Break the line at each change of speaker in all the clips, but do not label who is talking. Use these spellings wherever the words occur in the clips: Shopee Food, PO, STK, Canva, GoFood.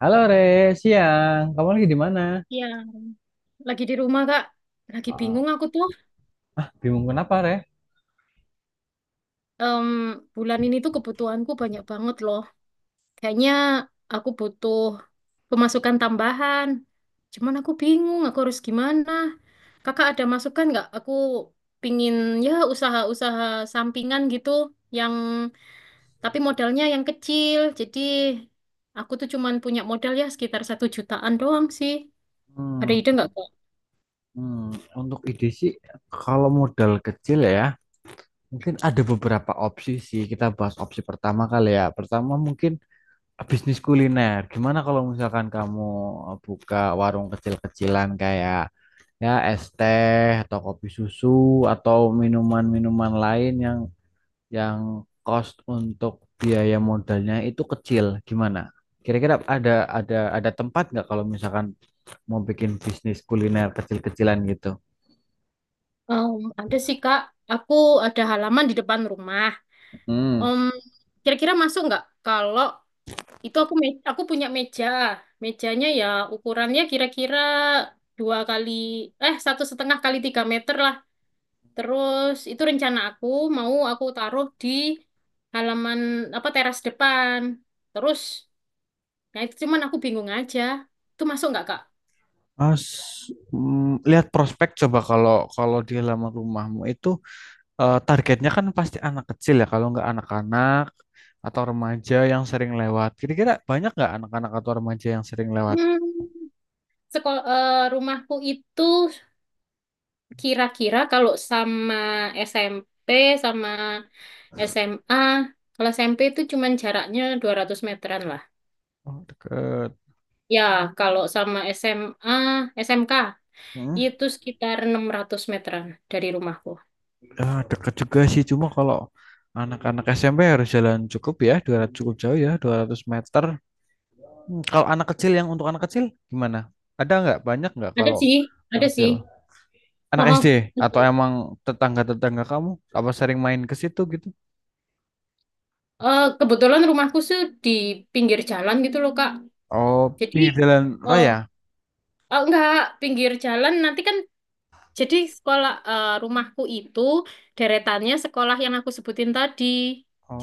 Halo Re, siang. Kamu lagi di mana?
Iya, lagi di rumah Kak. Lagi
Ah,
bingung aku tuh.
bingung kenapa, Re?
Em, bulan ini tuh kebutuhanku banyak banget loh. Kayaknya aku butuh pemasukan tambahan. Cuman aku bingung, aku harus gimana. Kakak ada masukan nggak? Aku pingin ya usaha-usaha sampingan gitu, yang tapi modalnya yang kecil. Jadi aku tuh cuman punya modal ya sekitar 1 jutaan doang sih. Ada
Hmm,
ide nggak Kak?
hmm, Untuk ide sih, kalau modal kecil ya, mungkin ada beberapa opsi sih. Kita bahas opsi pertama kali ya. Pertama mungkin bisnis kuliner. Gimana kalau misalkan kamu buka warung kecil-kecilan kayak ya es teh atau kopi susu atau minuman-minuman lain yang cost untuk biaya modalnya itu kecil gimana? Kira-kira ada tempat nggak kalau misalkan mau bikin bisnis kuliner kecil-kecilan gitu?
Em, ada sih Kak. Aku ada halaman di depan rumah.
Hmm.
Om, kira-kira masuk nggak kalau itu aku punya meja, mejanya ya ukurannya kira-kira dua kali eh 1,5 x 3 meter lah. Terus itu rencana aku mau aku taruh di halaman apa teras depan. Terus, nah itu cuman aku bingung aja. Itu masuk nggak Kak?
Mas, lihat prospek coba kalau kalau di halaman rumahmu itu targetnya kan pasti anak kecil ya kalau nggak anak-anak atau remaja yang sering lewat. Kira-kira banyak nggak anak-anak atau remaja yang sering lewat?
Hmm, rumahku itu kira-kira kalau sama SMP sama SMA, kalau SMP itu cuman jaraknya 200 meteran lah.
Oh, deket.
Ya, kalau sama SMA, SMK
Hmm.
itu sekitar 600 meteran dari rumahku.
Ah, dekat juga sih, cuma kalau anak-anak SMP harus jalan cukup ya, 200 cukup jauh ya, 200 meter. Kalau anak kecil yang untuk anak kecil gimana? Ada nggak? Banyak nggak
Ada
kalau
sih,
anak
ada sih.
kecil? Anak SD
Oh,
atau
oh.
emang tetangga-tetangga kamu apa sering main ke situ gitu?
Eh, kebetulan rumahku tuh di pinggir jalan gitu loh, Kak.
Oh,
Jadi,
pinggir jalan
eh,
raya.
oh, enggak, pinggir jalan nanti kan. Jadi rumahku itu deretannya sekolah yang aku sebutin tadi.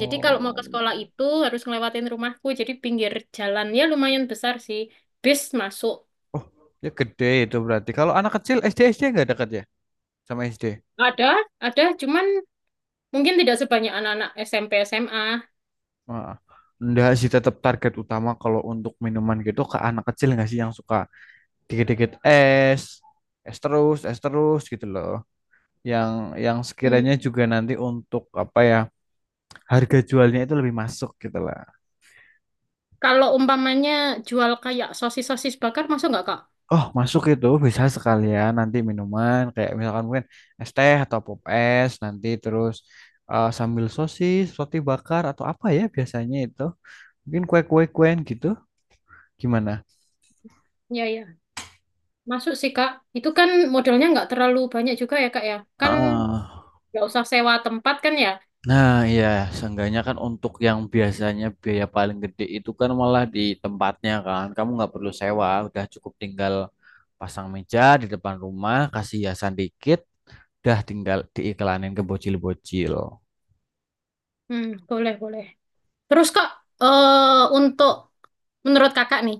Jadi kalau mau ke sekolah itu harus ngelewatin rumahku. Jadi pinggir jalannya lumayan besar sih. Bis masuk.
oh, ya gede itu berarti. Kalau anak kecil SD SD nggak dekat ya sama SD?
Ada, ada, cuman mungkin tidak sebanyak anak-anak SMP SMA.
Ah, enggak sih, tetap target utama kalau untuk minuman gitu ke anak kecil nggak sih yang suka dikit-dikit es, es terus gitu loh. Yang yang
Hmm.
sekiranya juga nanti untuk apa ya, harga jualnya itu lebih masuk gitu lah.
Kalau umpamanya jual kayak sosis-sosis bakar, masuk nggak Kak?
Oh, masuk itu bisa sekalian nanti minuman kayak misalkan mungkin es teh atau pop es nanti terus sambil sosis, roti bakar atau apa ya biasanya itu. Mungkin kue-kue-kuen gitu. Gimana?
Ya, ya. Masuk sih Kak. Itu kan modalnya nggak terlalu banyak juga ya Kak ya. Kan
Heeh.
nggak usah sewa tempat kan ya.
Nah, iya, seenggaknya kan untuk yang biasanya biaya paling gede itu kan malah di tempatnya kan. Kamu nggak perlu sewa, udah cukup tinggal pasang meja di depan rumah, kasih hiasan dikit, udah tinggal diiklanin ke bocil-bocil.
Hmm, boleh, boleh. Terus Kak, eh untuk menurut Kakak nih,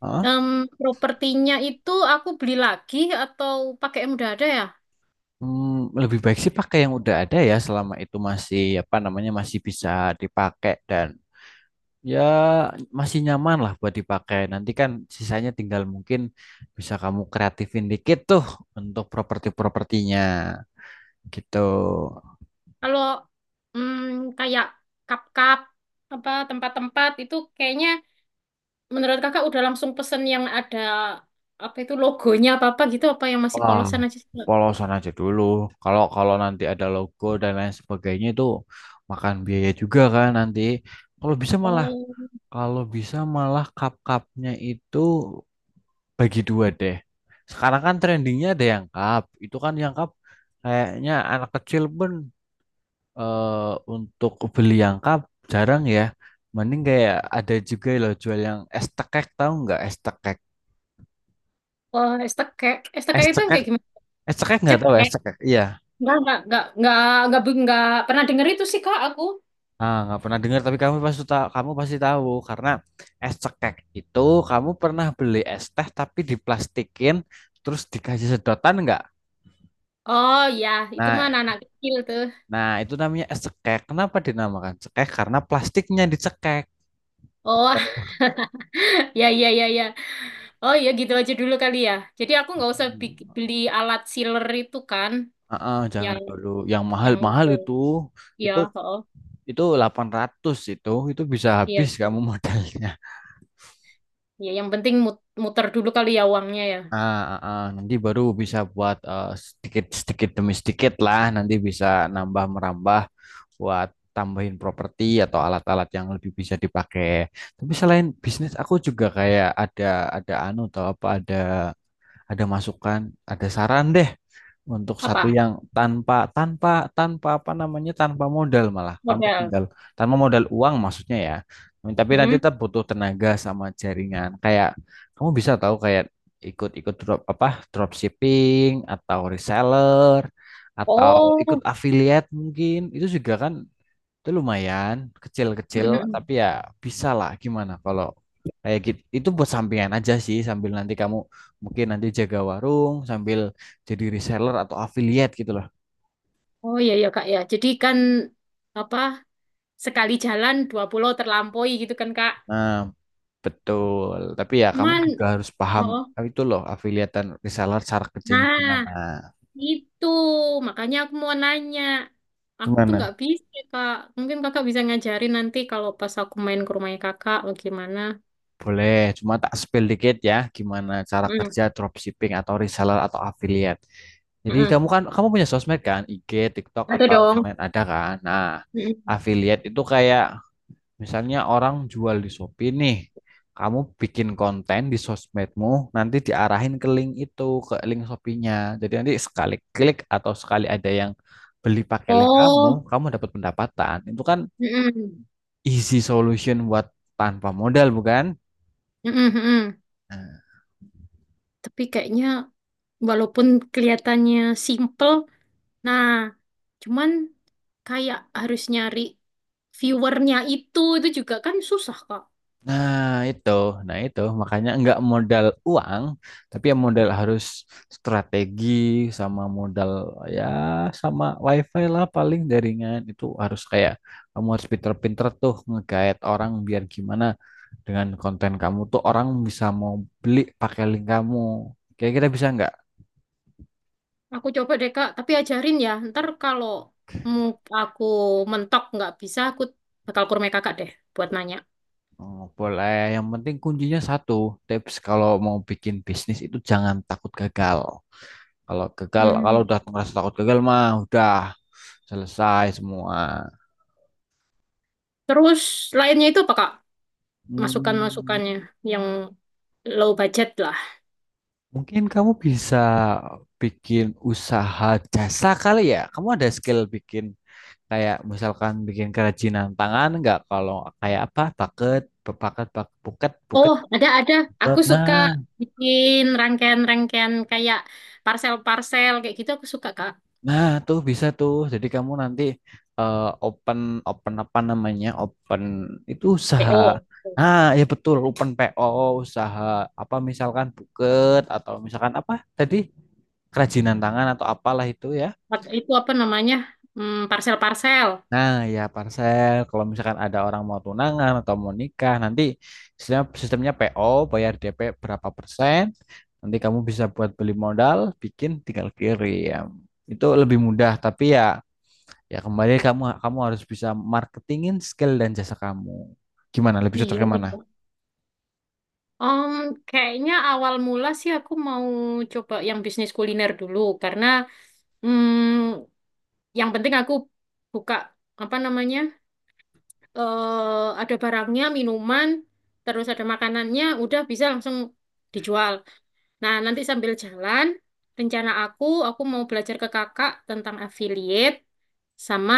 Hah?
em, propertinya itu aku beli lagi atau pakai yang udah ada ya?
Hmm, lebih baik sih pakai yang udah ada ya, selama itu masih apa namanya masih bisa dipakai dan ya masih nyaman lah buat dipakai. Nanti kan sisanya tinggal mungkin bisa kamu kreatifin dikit tuh untuk properti-propertinya gitu.
Kalau mm, kayak cup-cup apa tempat-tempat itu kayaknya menurut Kakak udah langsung pesen yang ada apa itu logonya apa-apa gitu apa yang masih
Wah,
polosan aja sih, Kak?
polosan aja dulu. Kalau kalau nanti ada logo dan lain sebagainya itu makan biaya juga kan nanti. Kalau bisa malah
Oh,
kalau bisa malah cup-cupnya itu bagi dua deh. Sekarang kan trendingnya ada yang cup. Itu kan yang cup kayaknya anak kecil pun untuk beli yang cup jarang ya. Mending kayak ada juga loh jual yang es tekek tahu nggak es tekek?
oh, STK. STK
Es
itu yang
cekek,
kayak gimana?
es cekek nggak
Cek.
tahu es cekek. Iya.
Enggak, enggak, enggak, enggak, enggak, pernah denger itu sih Kak aku.
Ah, nggak pernah dengar tapi kamu pasti tahu karena es cekek itu kamu pernah beli es teh tapi diplastikin terus dikasih sedotan nggak?
Oh ya, itu mah
Nah,
anak kecil tuh.
nah itu namanya es cekek. Kenapa dinamakan cekek? Karena plastiknya dicekek.
Oh, ya, ya, ya, ya. Oh, ya gitu aja dulu kali ya. Jadi aku nggak usah beli alat sealer itu kan,
Ah, ah,
yang
jangan dulu. Yang
yang
mahal-mahal itu
ya, oh,
itu 800 itu bisa
iya
habis kamu
sih.
modalnya.
Ya, yang penting muter dulu kali ya uangnya ya.
Ah, ah, ah. Nanti baru bisa buat sedikit sedikit demi sedikit lah nanti bisa nambah merambah buat tambahin properti atau alat-alat yang lebih bisa dipakai. Tapi selain bisnis aku juga kayak ada anu atau apa ada masukan, ada saran deh untuk satu
Apa?
yang tanpa tanpa tanpa apa namanya tanpa modal malah kamu
Modal.
tinggal tanpa modal uang maksudnya ya. Tapi nanti
Hmm?
tetap butuh tenaga sama jaringan. Kayak kamu bisa tahu kayak ikut-ikut dropshipping atau reseller atau ikut
Oh.
affiliate mungkin itu juga kan itu lumayan kecil-kecil tapi ya bisa lah gimana kalau kayak gitu. Itu buat sampingan aja sih sambil nanti kamu mungkin nanti jaga warung sambil jadi reseller atau affiliate gitu loh.
Oh, iya, ya, Kak, ya. Jadi kan apa? Sekali jalan dua pulau terlampaui gitu kan, Kak.
Nah, betul. Tapi ya kamu
Cuman,
juga harus paham
oh.
itu loh affiliate dan reseller cara kerjanya
Nah,
gimana.
itu, makanya aku mau nanya. Aku tuh nggak
Gimana?
bisa, Kak. Mungkin kakak bisa ngajarin nanti kalau pas aku main ke rumahnya kakak, bagaimana.
Boleh, cuma tak spill dikit ya gimana cara
Mm, mm,
kerja dropshipping atau reseller atau affiliate. Jadi
mm-mm.
kamu kan kamu punya sosmed kan, IG, TikTok
Ada
atau yang
dong.
lain ada kan. Nah,
Mm, mm.
affiliate itu kayak misalnya orang jual di Shopee nih. Kamu bikin konten di sosmedmu, nanti diarahin ke link itu, ke link Shopee-nya. Jadi nanti sekali klik atau sekali ada yang beli pakai link kamu,
Oh,
kamu dapat pendapatan. Itu kan
mm, mm,
easy solution buat tanpa modal, bukan?
mm, mm, mm, mm.
Nah.
Tapi kayaknya walaupun kelihatannya simple, nah, cuman kayak harus nyari viewernya itu juga kan susah, Kak.
Nah, itu. Nah, itu makanya nggak modal uang, tapi ya modal harus strategi sama modal ya sama wifi lah paling jaringan itu harus kayak kamu harus pinter-pinter tuh ngegait orang biar gimana dengan konten kamu tuh orang bisa mau beli pakai link kamu. Kira-kira bisa nggak?
Aku coba deh Kak, tapi ajarin ya. Ntar kalau mu- aku mentok nggak bisa, aku bakal ke rumah kakak deh buat nanya.
Oh, boleh. Yang penting kuncinya satu, tips kalau mau bikin bisnis itu jangan takut gagal. Kalau gagal, kalau udah
Hmm.
ngerasa takut gagal mah udah selesai semua.
Terus lainnya itu apa Kak?
Hmm,
Masukan-masukannya yang low budget lah.
mungkin kamu bisa bikin usaha jasa kali ya. Kamu ada skill bikin kayak misalkan bikin kerajinan tangan nggak? Kalau kayak apa? Paket, paket, paket, buket, buket,
Oh, ada, ada. Aku
buket.
suka
Nah,
bikin rangkaian-rangkaian kayak parcel-parcel kayak gitu aku suka Kak.
nah, tuh bisa tuh. Jadi kamu nanti eh, open open apa namanya? Open itu usaha.
PO.
Nah, ya betul, open PO, usaha apa misalkan buket atau misalkan apa tadi kerajinan tangan atau apalah itu ya.
Itu apa namanya? Hmm, parcel-parcel.
Nah, ya parcel kalau misalkan ada orang mau tunangan atau mau nikah, nanti sistemnya PO, bayar DP berapa persen. Nanti kamu bisa buat beli modal, bikin tinggal kirim. Itu lebih mudah, tapi ya kembali kamu kamu harus bisa marketingin skill dan jasa kamu. Gimana lebih
Iya,
cocoknya mana?
gitu. Om, kayaknya awal mula sih aku mau coba yang bisnis kuliner dulu karena mm, yang penting aku buka apa namanya ada barangnya, minuman, terus ada makanannya, udah bisa langsung dijual. Nah, nanti sambil jalan rencana aku mau belajar ke kakak tentang affiliate sama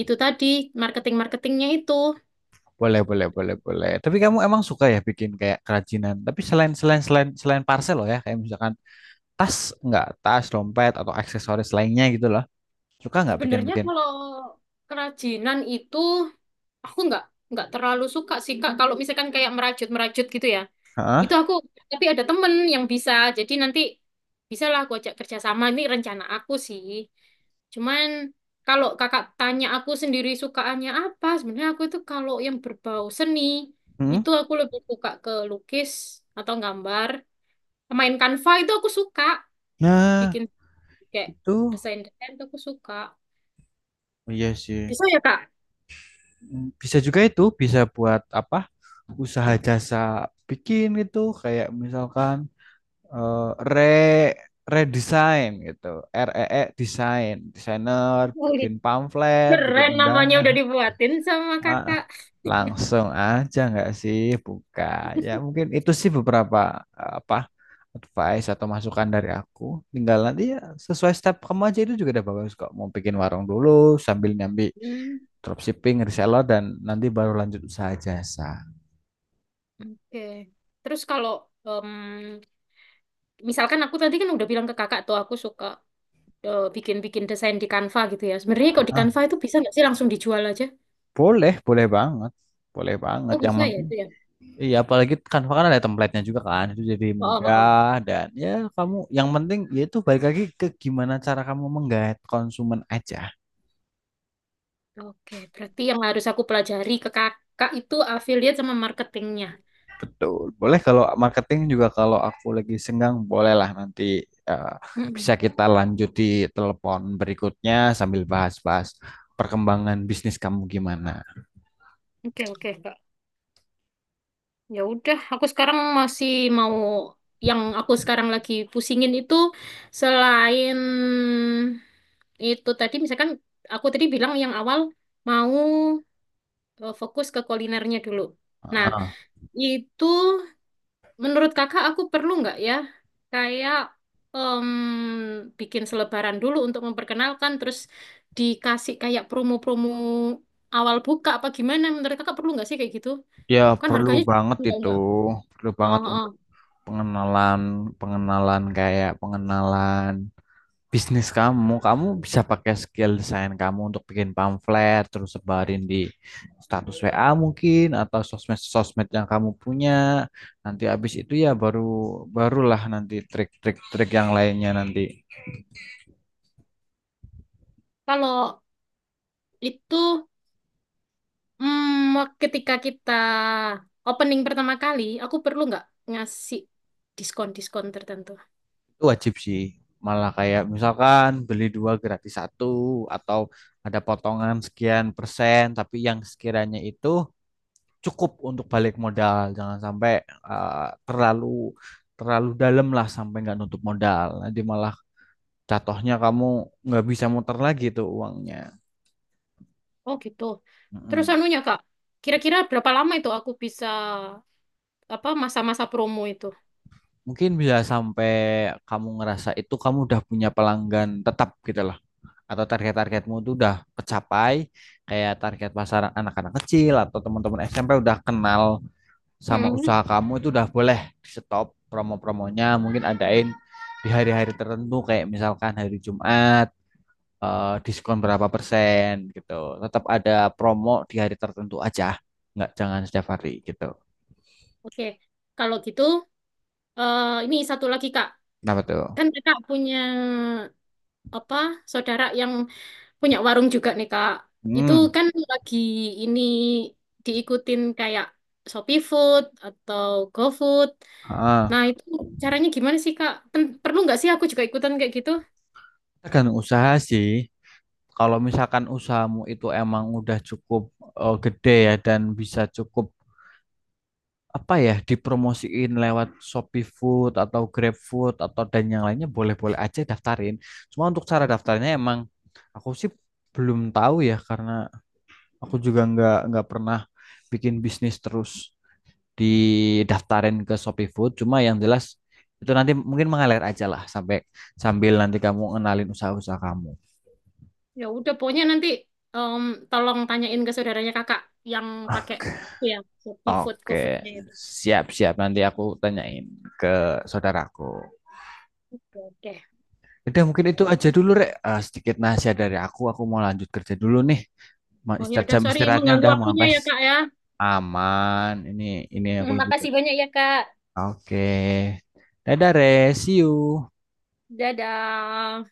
itu tadi marketing-marketingnya itu.
Boleh, boleh, boleh, boleh. Tapi kamu emang suka ya bikin kayak kerajinan. Tapi selain selain selain selain parcel loh ya, kayak misalkan tas nggak tas, dompet atau aksesoris lainnya gitu loh. Suka nggak
Sebenarnya
bikin-bikin?
kalau kerajinan itu aku nggak terlalu suka sih Kak kalau misalkan kayak merajut-merajut gitu ya itu
Heeh.
aku, tapi ada temen yang bisa, jadi nanti bisalah aku ajak kerjasama, ini rencana aku sih. Cuman kalau kakak tanya aku sendiri sukaannya apa, sebenarnya aku itu kalau yang berbau seni
Hmm?
itu aku lebih suka ke lukis atau gambar, main Canva itu aku suka,
Nah,
bikin kayak
itu
desain desain itu aku suka,
oh iya sih.
bisa ya Kak.
Bisa juga itu, bisa buat apa? Usaha jasa bikin gitu, kayak misalkan eh, re redesign gitu REE design desainer
Wih,
bikin pamflet bikin
keren namanya udah
undangan.
dibuatin sama
Ah,
kakak.
langsung aja nggak sih buka ya mungkin itu sih beberapa apa advice atau masukan dari aku tinggal nanti ya sesuai step kamu aja itu juga udah bagus kok mau bikin warung dulu sambil nyambi
Hmm,
dropshipping reseller dan nanti baru lanjut usaha jasa.
oke. Terus kalau em, misalkan aku tadi kan udah bilang ke kakak tuh aku suka bikin-bikin desain di Canva gitu ya. Sebenarnya kalau di
Ah,
Canva itu bisa nggak sih langsung dijual aja?
boleh boleh banget
Oh
yang
bisa ya
penting.
itu ya.
Iya, apalagi Canva kan ada template-nya juga kan, itu jadi
Oh, oh, oh.
mudah dan ya kamu yang penting yaitu balik lagi ke gimana cara kamu menggait konsumen aja.
Oke, berarti yang harus aku pelajari ke kakak itu affiliate sama marketingnya.
Betul. Boleh kalau marketing juga kalau aku lagi senggang bolehlah nanti eh, bisa
Mm-mm.
kita lanjut di telepon berikutnya sambil bahas-bahas perkembangan bisnis kamu gimana.
Oke, oke kak. Ya udah, aku sekarang masih mau, yang aku sekarang lagi pusingin itu selain itu tadi, misalkan aku tadi bilang yang awal mau fokus ke kulinernya dulu. Nah,
Ah,
itu menurut kakak aku perlu nggak ya kayak em, bikin selebaran dulu untuk memperkenalkan, terus dikasih kayak promo-promo awal buka, apa gimana menurut kakak perlu nggak sih kayak gitu?
ya
Kan
perlu
harganya
banget itu,
nggak-nggak.
perlu banget
Oh,
untuk
oh.
pengenalan, pengenalan kayak pengenalan bisnis kamu, kamu bisa pakai skill desain kamu untuk bikin pamflet, terus sebarin di status WA mungkin atau sosmed-sosmed yang kamu punya. Nanti habis itu ya barulah nanti trik-trik-trik yang lainnya nanti.
Kalau itu ketika kita opening pertama kali, aku perlu nggak ngasih diskon-diskon tertentu?
Itu wajib sih. Malah kayak misalkan beli dua gratis satu atau ada potongan sekian persen, tapi yang sekiranya itu cukup untuk balik modal. Jangan sampai uh, terlalu terlalu dalam lah sampai nggak nutup modal. Nanti malah jatuhnya kamu nggak bisa muter lagi tuh uangnya.
Oh gitu. Terus
Mm-mm.
anunya Kak, kira-kira berapa lama itu aku bisa apa, masa-masa promo itu?
Mungkin bisa sampai kamu ngerasa itu kamu udah punya pelanggan tetap gitu loh. Atau target-targetmu tuh udah kecapai, kayak target pasar anak-anak kecil atau teman-teman SMP udah kenal sama
Hmm.
usaha kamu itu udah boleh di stop promo-promonya mungkin adain di hari-hari tertentu kayak misalkan hari Jumat diskon berapa persen gitu tetap ada promo di hari tertentu aja nggak jangan setiap hari gitu
Oke, kalau gitu, ini satu lagi Kak.
kenapa tuh.
Kan Kakak punya apa saudara yang punya warung juga nih Kak. Itu
Hmm.
kan lagi ini diikutin kayak Shopee Food atau GoFood.
Ah.
Nah, itu caranya gimana sih, Kak? Perlu nggak sih aku juga ikutan kayak gitu?
Tergantung usaha sih kalau misalkan usahamu itu emang udah cukup gede ya dan bisa cukup apa ya dipromosiin lewat Shopee Food atau Grab Food atau dan yang lainnya boleh-boleh aja daftarin. Cuma untuk cara daftarnya emang aku sih belum tahu ya karena aku juga nggak pernah bikin bisnis terus didaftarin ke Shopee Food. Cuma yang jelas itu nanti mungkin mengalir aja lah sampai sambil nanti kamu kenalin usaha-usaha kamu.
Ya udah, pokoknya nanti em, tolong tanyain ke saudaranya Kakak yang pakai
Oke,
itu ya, seperti Food,
oke,
GoFood-nya itu.
siap-siap nanti aku tanyain ke saudaraku.
Ya, oke,
Udah mungkin
ya
itu aja
udah.
dulu Rek. Eh, sedikit nasihat dari aku mau lanjut kerja dulu nih.
Oh ya
Istirahat
udah,
jam
sorry
istirahatnya
mengganggu
udah mau
waktunya ya,
habis.
Kak ya.
Aman. Ini aku juga.
Makasih banyak ya, Kak.
Oke. Dadah, Re. See you.
Dadah.